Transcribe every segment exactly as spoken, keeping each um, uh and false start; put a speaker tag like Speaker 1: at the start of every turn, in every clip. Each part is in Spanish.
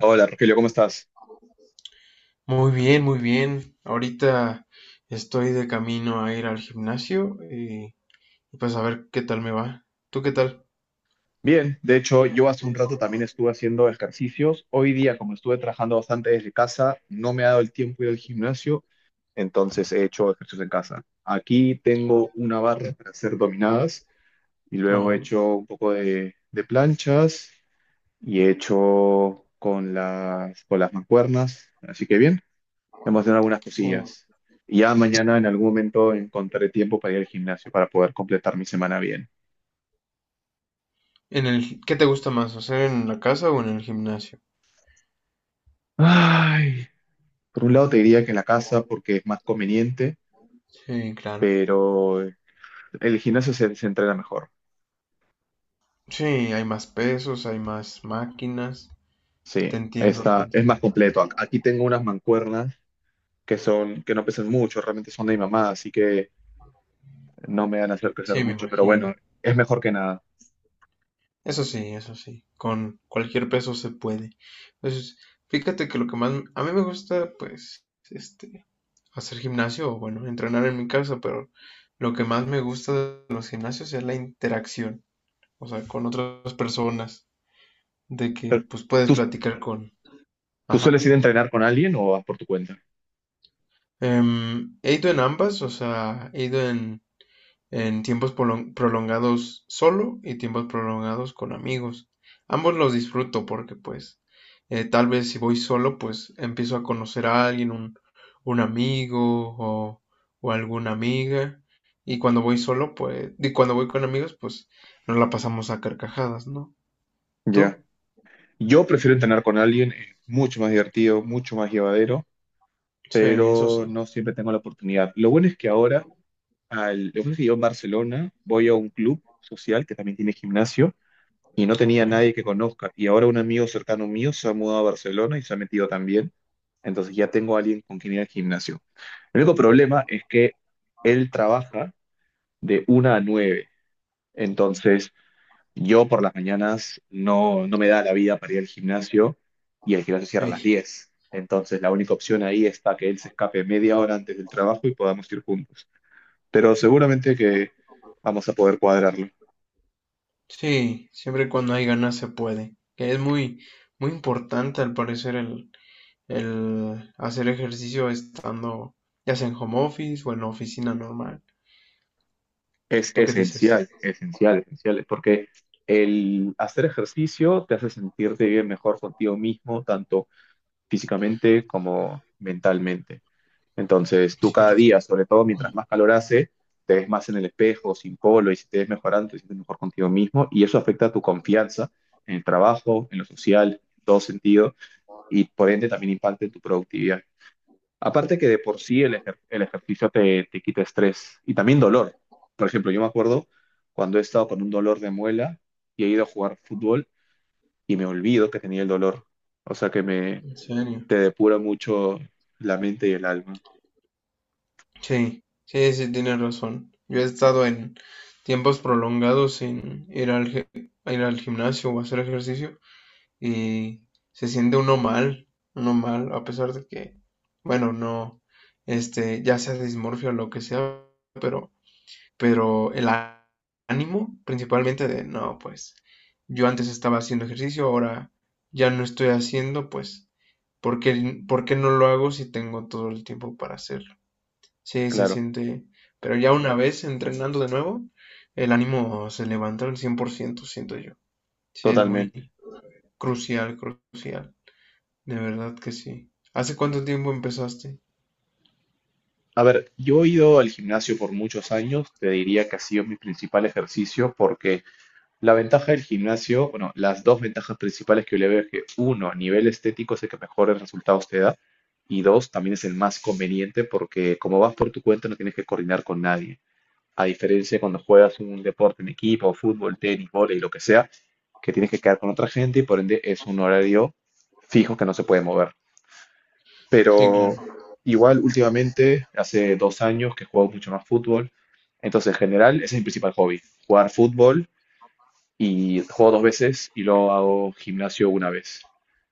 Speaker 1: Hola Rogelio, ¿cómo estás?
Speaker 2: Muy bien, muy bien. Ahorita estoy de camino a ir al gimnasio y pues a ver qué tal me va. ¿Tú qué tal?
Speaker 1: Bien, de hecho yo hace un rato también estuve haciendo ejercicios. Hoy día, como estuve trabajando bastante desde casa, no me ha dado el tiempo de ir al gimnasio, entonces he hecho ejercicios en casa. Aquí tengo una barra para hacer dominadas y luego he
Speaker 2: Ajá.
Speaker 1: hecho un poco de, de planchas y he hecho con las, con las mancuernas. Así que bien, hemos hecho algunas
Speaker 2: Uh,
Speaker 1: cosillas. Y ya mañana en algún momento encontraré tiempo para ir al gimnasio para poder completar mi semana bien.
Speaker 2: en el, ¿Qué te gusta más, hacer en la casa o en el gimnasio?
Speaker 1: Ay. Por un lado te diría que en la casa porque es más conveniente,
Speaker 2: Sí, claro.
Speaker 1: pero el gimnasio se, se entrena mejor.
Speaker 2: Sí, hay más pesos, hay más máquinas.
Speaker 1: Sí,
Speaker 2: Te entiendo, te
Speaker 1: está, es
Speaker 2: entiendo.
Speaker 1: más completo. Ac- Aquí tengo unas mancuernas que son, que no pesan mucho, realmente son de mi mamá, así que no me van a hacer crecer
Speaker 2: Sí, me
Speaker 1: mucho, pero bueno,
Speaker 2: imagino.
Speaker 1: es mejor que nada.
Speaker 2: Eso sí, eso sí. Con cualquier peso se puede. Entonces, fíjate que lo que más a mí me gusta, pues, este, hacer gimnasio o bueno, entrenar en mi casa, pero lo que más me gusta de los gimnasios es la interacción, o sea, con otras personas, de que
Speaker 1: Pero,
Speaker 2: pues puedes
Speaker 1: ¿tú,
Speaker 2: platicar con,
Speaker 1: tú sueles
Speaker 2: ajá.
Speaker 1: ir a entrenar con alguien o vas por tu cuenta?
Speaker 2: Em, he ido en ambas, o sea, he ido en en tiempos prolongados solo y tiempos prolongados con amigos. Ambos los disfruto porque pues eh, tal vez si voy solo pues empiezo a conocer a alguien, un, un amigo o, o alguna amiga. Y cuando voy solo pues, y cuando voy con amigos pues nos la pasamos a carcajadas, ¿no?
Speaker 1: Ya.
Speaker 2: ¿Tú?
Speaker 1: Yo prefiero entrenar con alguien, es mucho más divertido, mucho más llevadero,
Speaker 2: Sí, eso sí.
Speaker 1: pero no siempre tengo la oportunidad. Lo bueno es que ahora al, lo que pasa es que yo en Barcelona voy a un club social que también tiene gimnasio y no
Speaker 2: Ok,
Speaker 1: tenía nadie que conozca. Y ahora un amigo cercano mío se ha mudado a Barcelona y se ha metido también. Entonces ya tengo a alguien con quien ir al gimnasio. El único problema es que él trabaja de una a nueve. Entonces yo por las mañanas no, no me da la vida para ir al gimnasio y el gimnasio cierra a las
Speaker 2: sí.
Speaker 1: diez. Entonces la única opción ahí está que él se escape media hora antes del trabajo y podamos ir juntos, pero seguramente que vamos a poder cuadrarlo.
Speaker 2: Sí, siempre y cuando hay ganas se puede. Que es muy, muy importante al parecer el el hacer ejercicio estando ya sea en home office o en la oficina normal.
Speaker 1: Es
Speaker 2: ¿Tú qué dices?
Speaker 1: esencial, esencial, esencial, porque el hacer ejercicio te hace sentirte bien mejor contigo mismo, tanto físicamente como mentalmente. Entonces, tú cada
Speaker 2: Cierto.
Speaker 1: día, sobre todo mientras más calor hace, te ves más en el espejo, sin polo, y si te ves mejorando, te sientes mejor contigo mismo, y eso afecta a tu confianza en el trabajo, en lo social, en todo sentido, y por ende también impacta en tu productividad. Aparte que de por sí el, ejer- el ejercicio te, te quita estrés y también dolor. Por ejemplo, yo me acuerdo cuando he estado con un dolor de muela y he ido a jugar fútbol y me olvido que tenía el dolor. O sea que me
Speaker 2: ¿En serio?
Speaker 1: te depura mucho la mente y el alma.
Speaker 2: Sí, sí, sí, tienes razón. Yo he estado en tiempos prolongados sin ir al, ge- a ir al gimnasio o hacer ejercicio y se siente uno mal, uno mal, a pesar de que, bueno, no, este, ya sea dismorfia o lo que sea, pero pero el á- ánimo principalmente de, no, pues yo antes estaba haciendo ejercicio, ahora ya no estoy haciendo, pues, ¿por qué, por qué no lo hago si tengo todo el tiempo para hacerlo? Sí, se
Speaker 1: Claro,
Speaker 2: siente, pero ya una vez entrenando de nuevo, el ánimo se levanta al cien por ciento siento yo. Sí, es
Speaker 1: totalmente.
Speaker 2: muy crucial, crucial, de verdad que sí. ¿Hace cuánto tiempo empezaste?
Speaker 1: A ver, yo he ido al gimnasio por muchos años, te diría que ha sido mi principal ejercicio porque la ventaja del gimnasio, bueno, las dos ventajas principales que yo le veo es que uno, a nivel estético es el que mejores resultados te da y dos, también es el más conveniente porque como vas por tu cuenta no tienes que coordinar con nadie. A diferencia de cuando juegas un deporte en equipo, fútbol, tenis, vóley, lo que sea, que tienes que quedar con otra gente y por ende es un horario fijo que no se puede mover.
Speaker 2: Sí,
Speaker 1: Pero
Speaker 2: claro.
Speaker 1: igual últimamente, hace dos años que juego mucho más fútbol, entonces en general ese es mi principal hobby, jugar fútbol y juego dos veces y luego hago gimnasio una vez.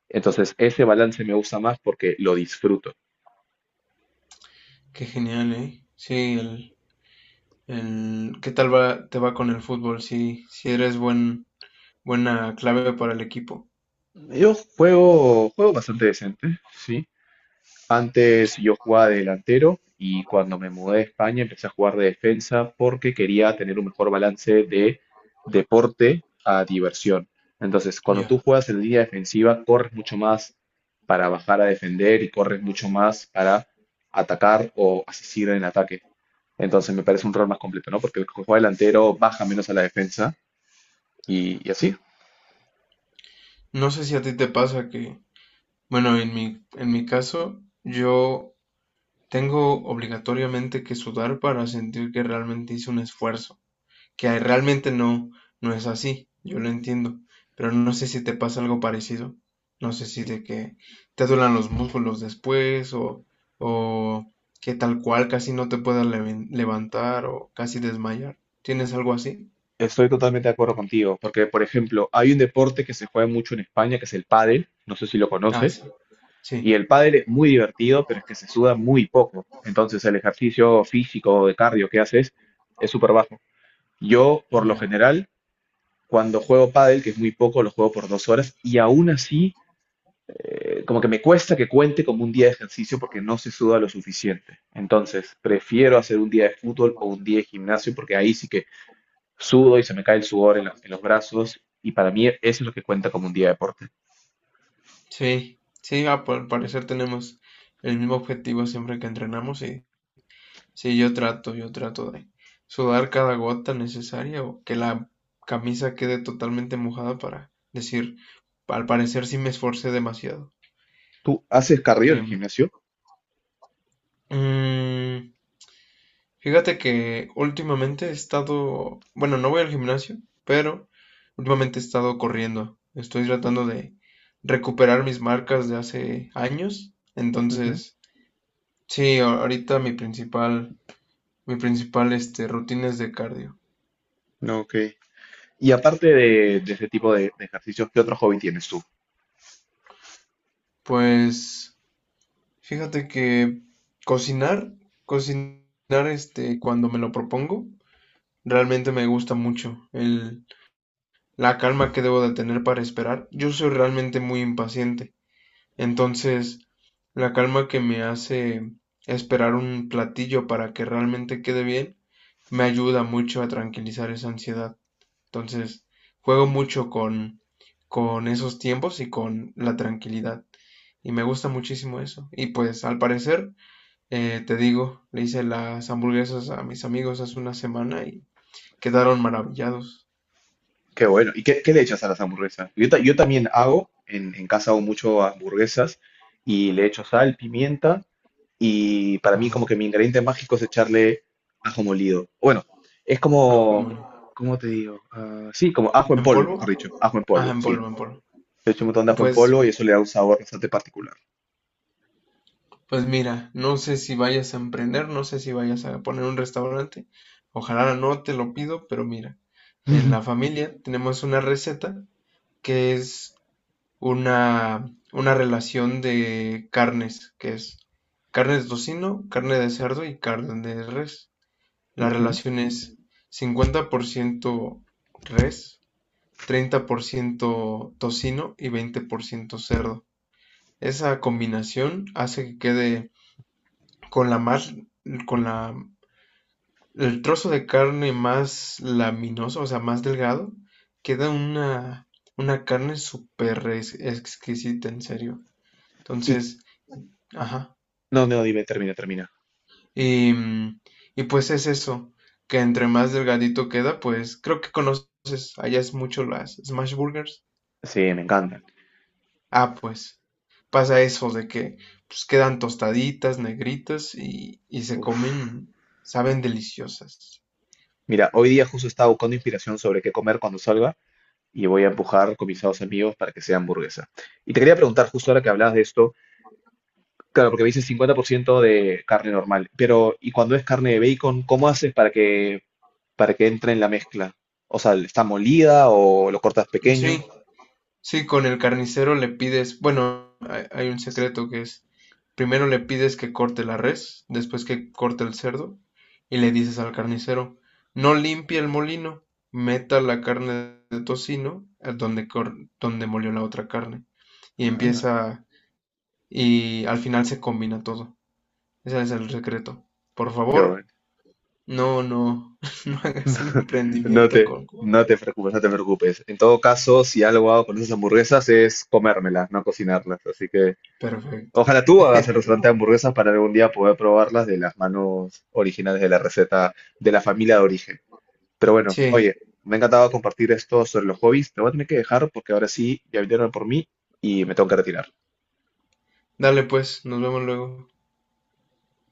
Speaker 1: Entonces, ese balance me gusta más porque lo disfruto.
Speaker 2: Qué genial, ¿eh? Sí, el, en qué tal va, te va con el fútbol, si, si eres buen, buena clave para el equipo.
Speaker 1: Yo juego, juego bastante decente, sí. Entonces yo jugaba de delantero y cuando me mudé a España empecé a jugar de defensa porque quería tener un mejor balance de deporte a diversión. Entonces, cuando
Speaker 2: Ya.
Speaker 1: tú juegas en línea defensiva, corres mucho más para bajar a defender y corres mucho más para atacar o asistir en ataque. Entonces, me parece un rol más completo, ¿no? Porque el que juega delantero baja menos a la defensa y, y así.
Speaker 2: No sé si a ti te pasa que, bueno, en mi, en mi caso, yo tengo obligatoriamente que sudar para sentir que realmente hice un esfuerzo. Que realmente no, no es así, yo lo entiendo, pero no sé si te pasa algo parecido, no sé si
Speaker 1: Y
Speaker 2: de que te duelen los músculos después o, o que tal cual casi no te puedas leven- levantar o casi desmayar. ¿Tienes algo así?
Speaker 1: Estoy totalmente de acuerdo contigo, porque por ejemplo, hay un deporte que se juega mucho en España, que es el pádel, no sé si lo
Speaker 2: Ah, sí,
Speaker 1: conoces.
Speaker 2: sí,
Speaker 1: Y el pádel es muy divertido, pero es que se suda muy poco. Entonces el ejercicio físico de cardio que haces es súper bajo. Yo, por lo
Speaker 2: ya.
Speaker 1: general, cuando juego pádel, que es muy poco, lo juego por dos horas y aún así, eh, como que me cuesta que cuente como un día de ejercicio porque no se suda lo suficiente. Entonces, prefiero hacer un día de fútbol o un día de gimnasio porque ahí sí que sudo y se me cae el sudor en, la- en los brazos y para mí eso es lo que cuenta como un día de deporte.
Speaker 2: Sí, sí, ah, por- al parecer tenemos el mismo objetivo siempre que entrenamos y sí, yo trato, yo trato de sudar cada gota necesaria o que la camisa quede totalmente mojada para decir, al parecer sí me esforcé demasiado.
Speaker 1: ¿Tú haces cardio
Speaker 2: Que,
Speaker 1: en el gimnasio?
Speaker 2: mm, fíjate que últimamente he estado, bueno, no voy al gimnasio, pero últimamente he estado corriendo. Estoy tratando de recuperar mis marcas de hace años. Entonces, sí, a- ahorita mi principal, mi principal, este, rutina es de cardio.
Speaker 1: No, ok. Y aparte de, de ese tipo de, de ejercicios, ¿qué otro hobby tienes tú?
Speaker 2: Pues fíjate que cocinar, cocinar este, cuando me lo propongo, realmente me gusta mucho el, la calma que debo de tener para esperar. Yo soy realmente muy impaciente, entonces la calma que me hace esperar un platillo para que realmente quede bien, me ayuda mucho a tranquilizar esa ansiedad. Entonces, juego mucho con, con esos tiempos y con la tranquilidad. Y me gusta muchísimo eso. Y pues al parecer... Eh, te digo, le hice las hamburguesas a mis amigos hace una semana y quedaron maravillados.
Speaker 1: Qué bueno. ¿Y qué, qué le echas a las hamburguesas? Yo, ta- yo también hago, en, en casa hago mucho hamburguesas y le echo sal, pimienta y para mí
Speaker 2: Ajá.
Speaker 1: como que mi ingrediente mágico es echarle ajo molido. Bueno, es
Speaker 2: Ajo,
Speaker 1: como,
Speaker 2: mole.
Speaker 1: ¿cómo te digo? Ah, sí, como ajo en
Speaker 2: ¿En
Speaker 1: polvo,
Speaker 2: polvo?
Speaker 1: mejor dicho. Ajo en
Speaker 2: Ajá,
Speaker 1: polvo,
Speaker 2: en
Speaker 1: sí.
Speaker 2: polvo, en polvo.
Speaker 1: Le echo un montón de ajo en
Speaker 2: Pues,
Speaker 1: polvo y eso le da un sabor bastante particular.
Speaker 2: pues mira, no sé si vayas a emprender, no sé si vayas a poner un restaurante. Ojalá no te lo pido, pero mira, en
Speaker 1: Ujú.
Speaker 2: la familia tenemos una receta que es una, una relación de carnes, que es carne de tocino, carne de cerdo y carne de res. La
Speaker 1: Ujú.
Speaker 2: relación es: cincuenta por ciento res, treinta por ciento tocino y veinte por ciento cerdo. Esa combinación hace que quede con la más, con la, el trozo de carne más laminoso, o sea, más delgado, queda una, una carne súper exquisita, en serio.
Speaker 1: Y
Speaker 2: Entonces, ajá.
Speaker 1: no, no, dime, termina, termina.
Speaker 2: Y, mm, y pues es eso, que entre más delgadito queda, pues creo que conoces, allá es mucho las smash burgers.
Speaker 1: Sí, me encantan.
Speaker 2: Ah, pues pasa eso de que pues quedan tostaditas, negritas y, y se
Speaker 1: Uf.
Speaker 2: comen, saben deliciosas.
Speaker 1: Mira, hoy día justo estaba buscando inspiración sobre qué comer cuando salga y voy a empujar con mis dos amigos para que sea hamburguesa. Y te quería preguntar justo ahora que hablabas de esto, claro, porque me dices cincuenta por ciento de carne normal, pero ¿y cuando es carne de bacon, cómo haces para que para que entre en la mezcla? O sea, ¿está molida o lo cortas pequeño?
Speaker 2: Sí, sí, con el carnicero le pides, bueno, hay, hay un secreto que es, primero le pides que corte la res, después que corte el cerdo, y le dices al carnicero, no limpie el molino, meta la carne de tocino a donde, cor- donde molió la otra carne, y
Speaker 1: Ah,
Speaker 2: empieza, y al final se combina todo. Ese es el secreto. Por
Speaker 1: qué
Speaker 2: favor,
Speaker 1: bueno.
Speaker 2: no, no, no hagas un
Speaker 1: No
Speaker 2: emprendimiento
Speaker 1: te,
Speaker 2: con...
Speaker 1: no te preocupes, no te preocupes. En todo caso, si algo hago con esas hamburguesas es comérmelas, no cocinarlas. Así que
Speaker 2: Perfecto.
Speaker 1: ojalá tú hagas el restaurante de hamburguesas para algún día poder probarlas de las manos originales de la receta de la familia de origen. Pero bueno,
Speaker 2: Sí,
Speaker 1: oye, me ha encantado compartir esto sobre los hobbies. Te voy a tener que dejar porque ahora sí ya vinieron por mí y me tengo que retirar.
Speaker 2: dale pues, nos vemos luego.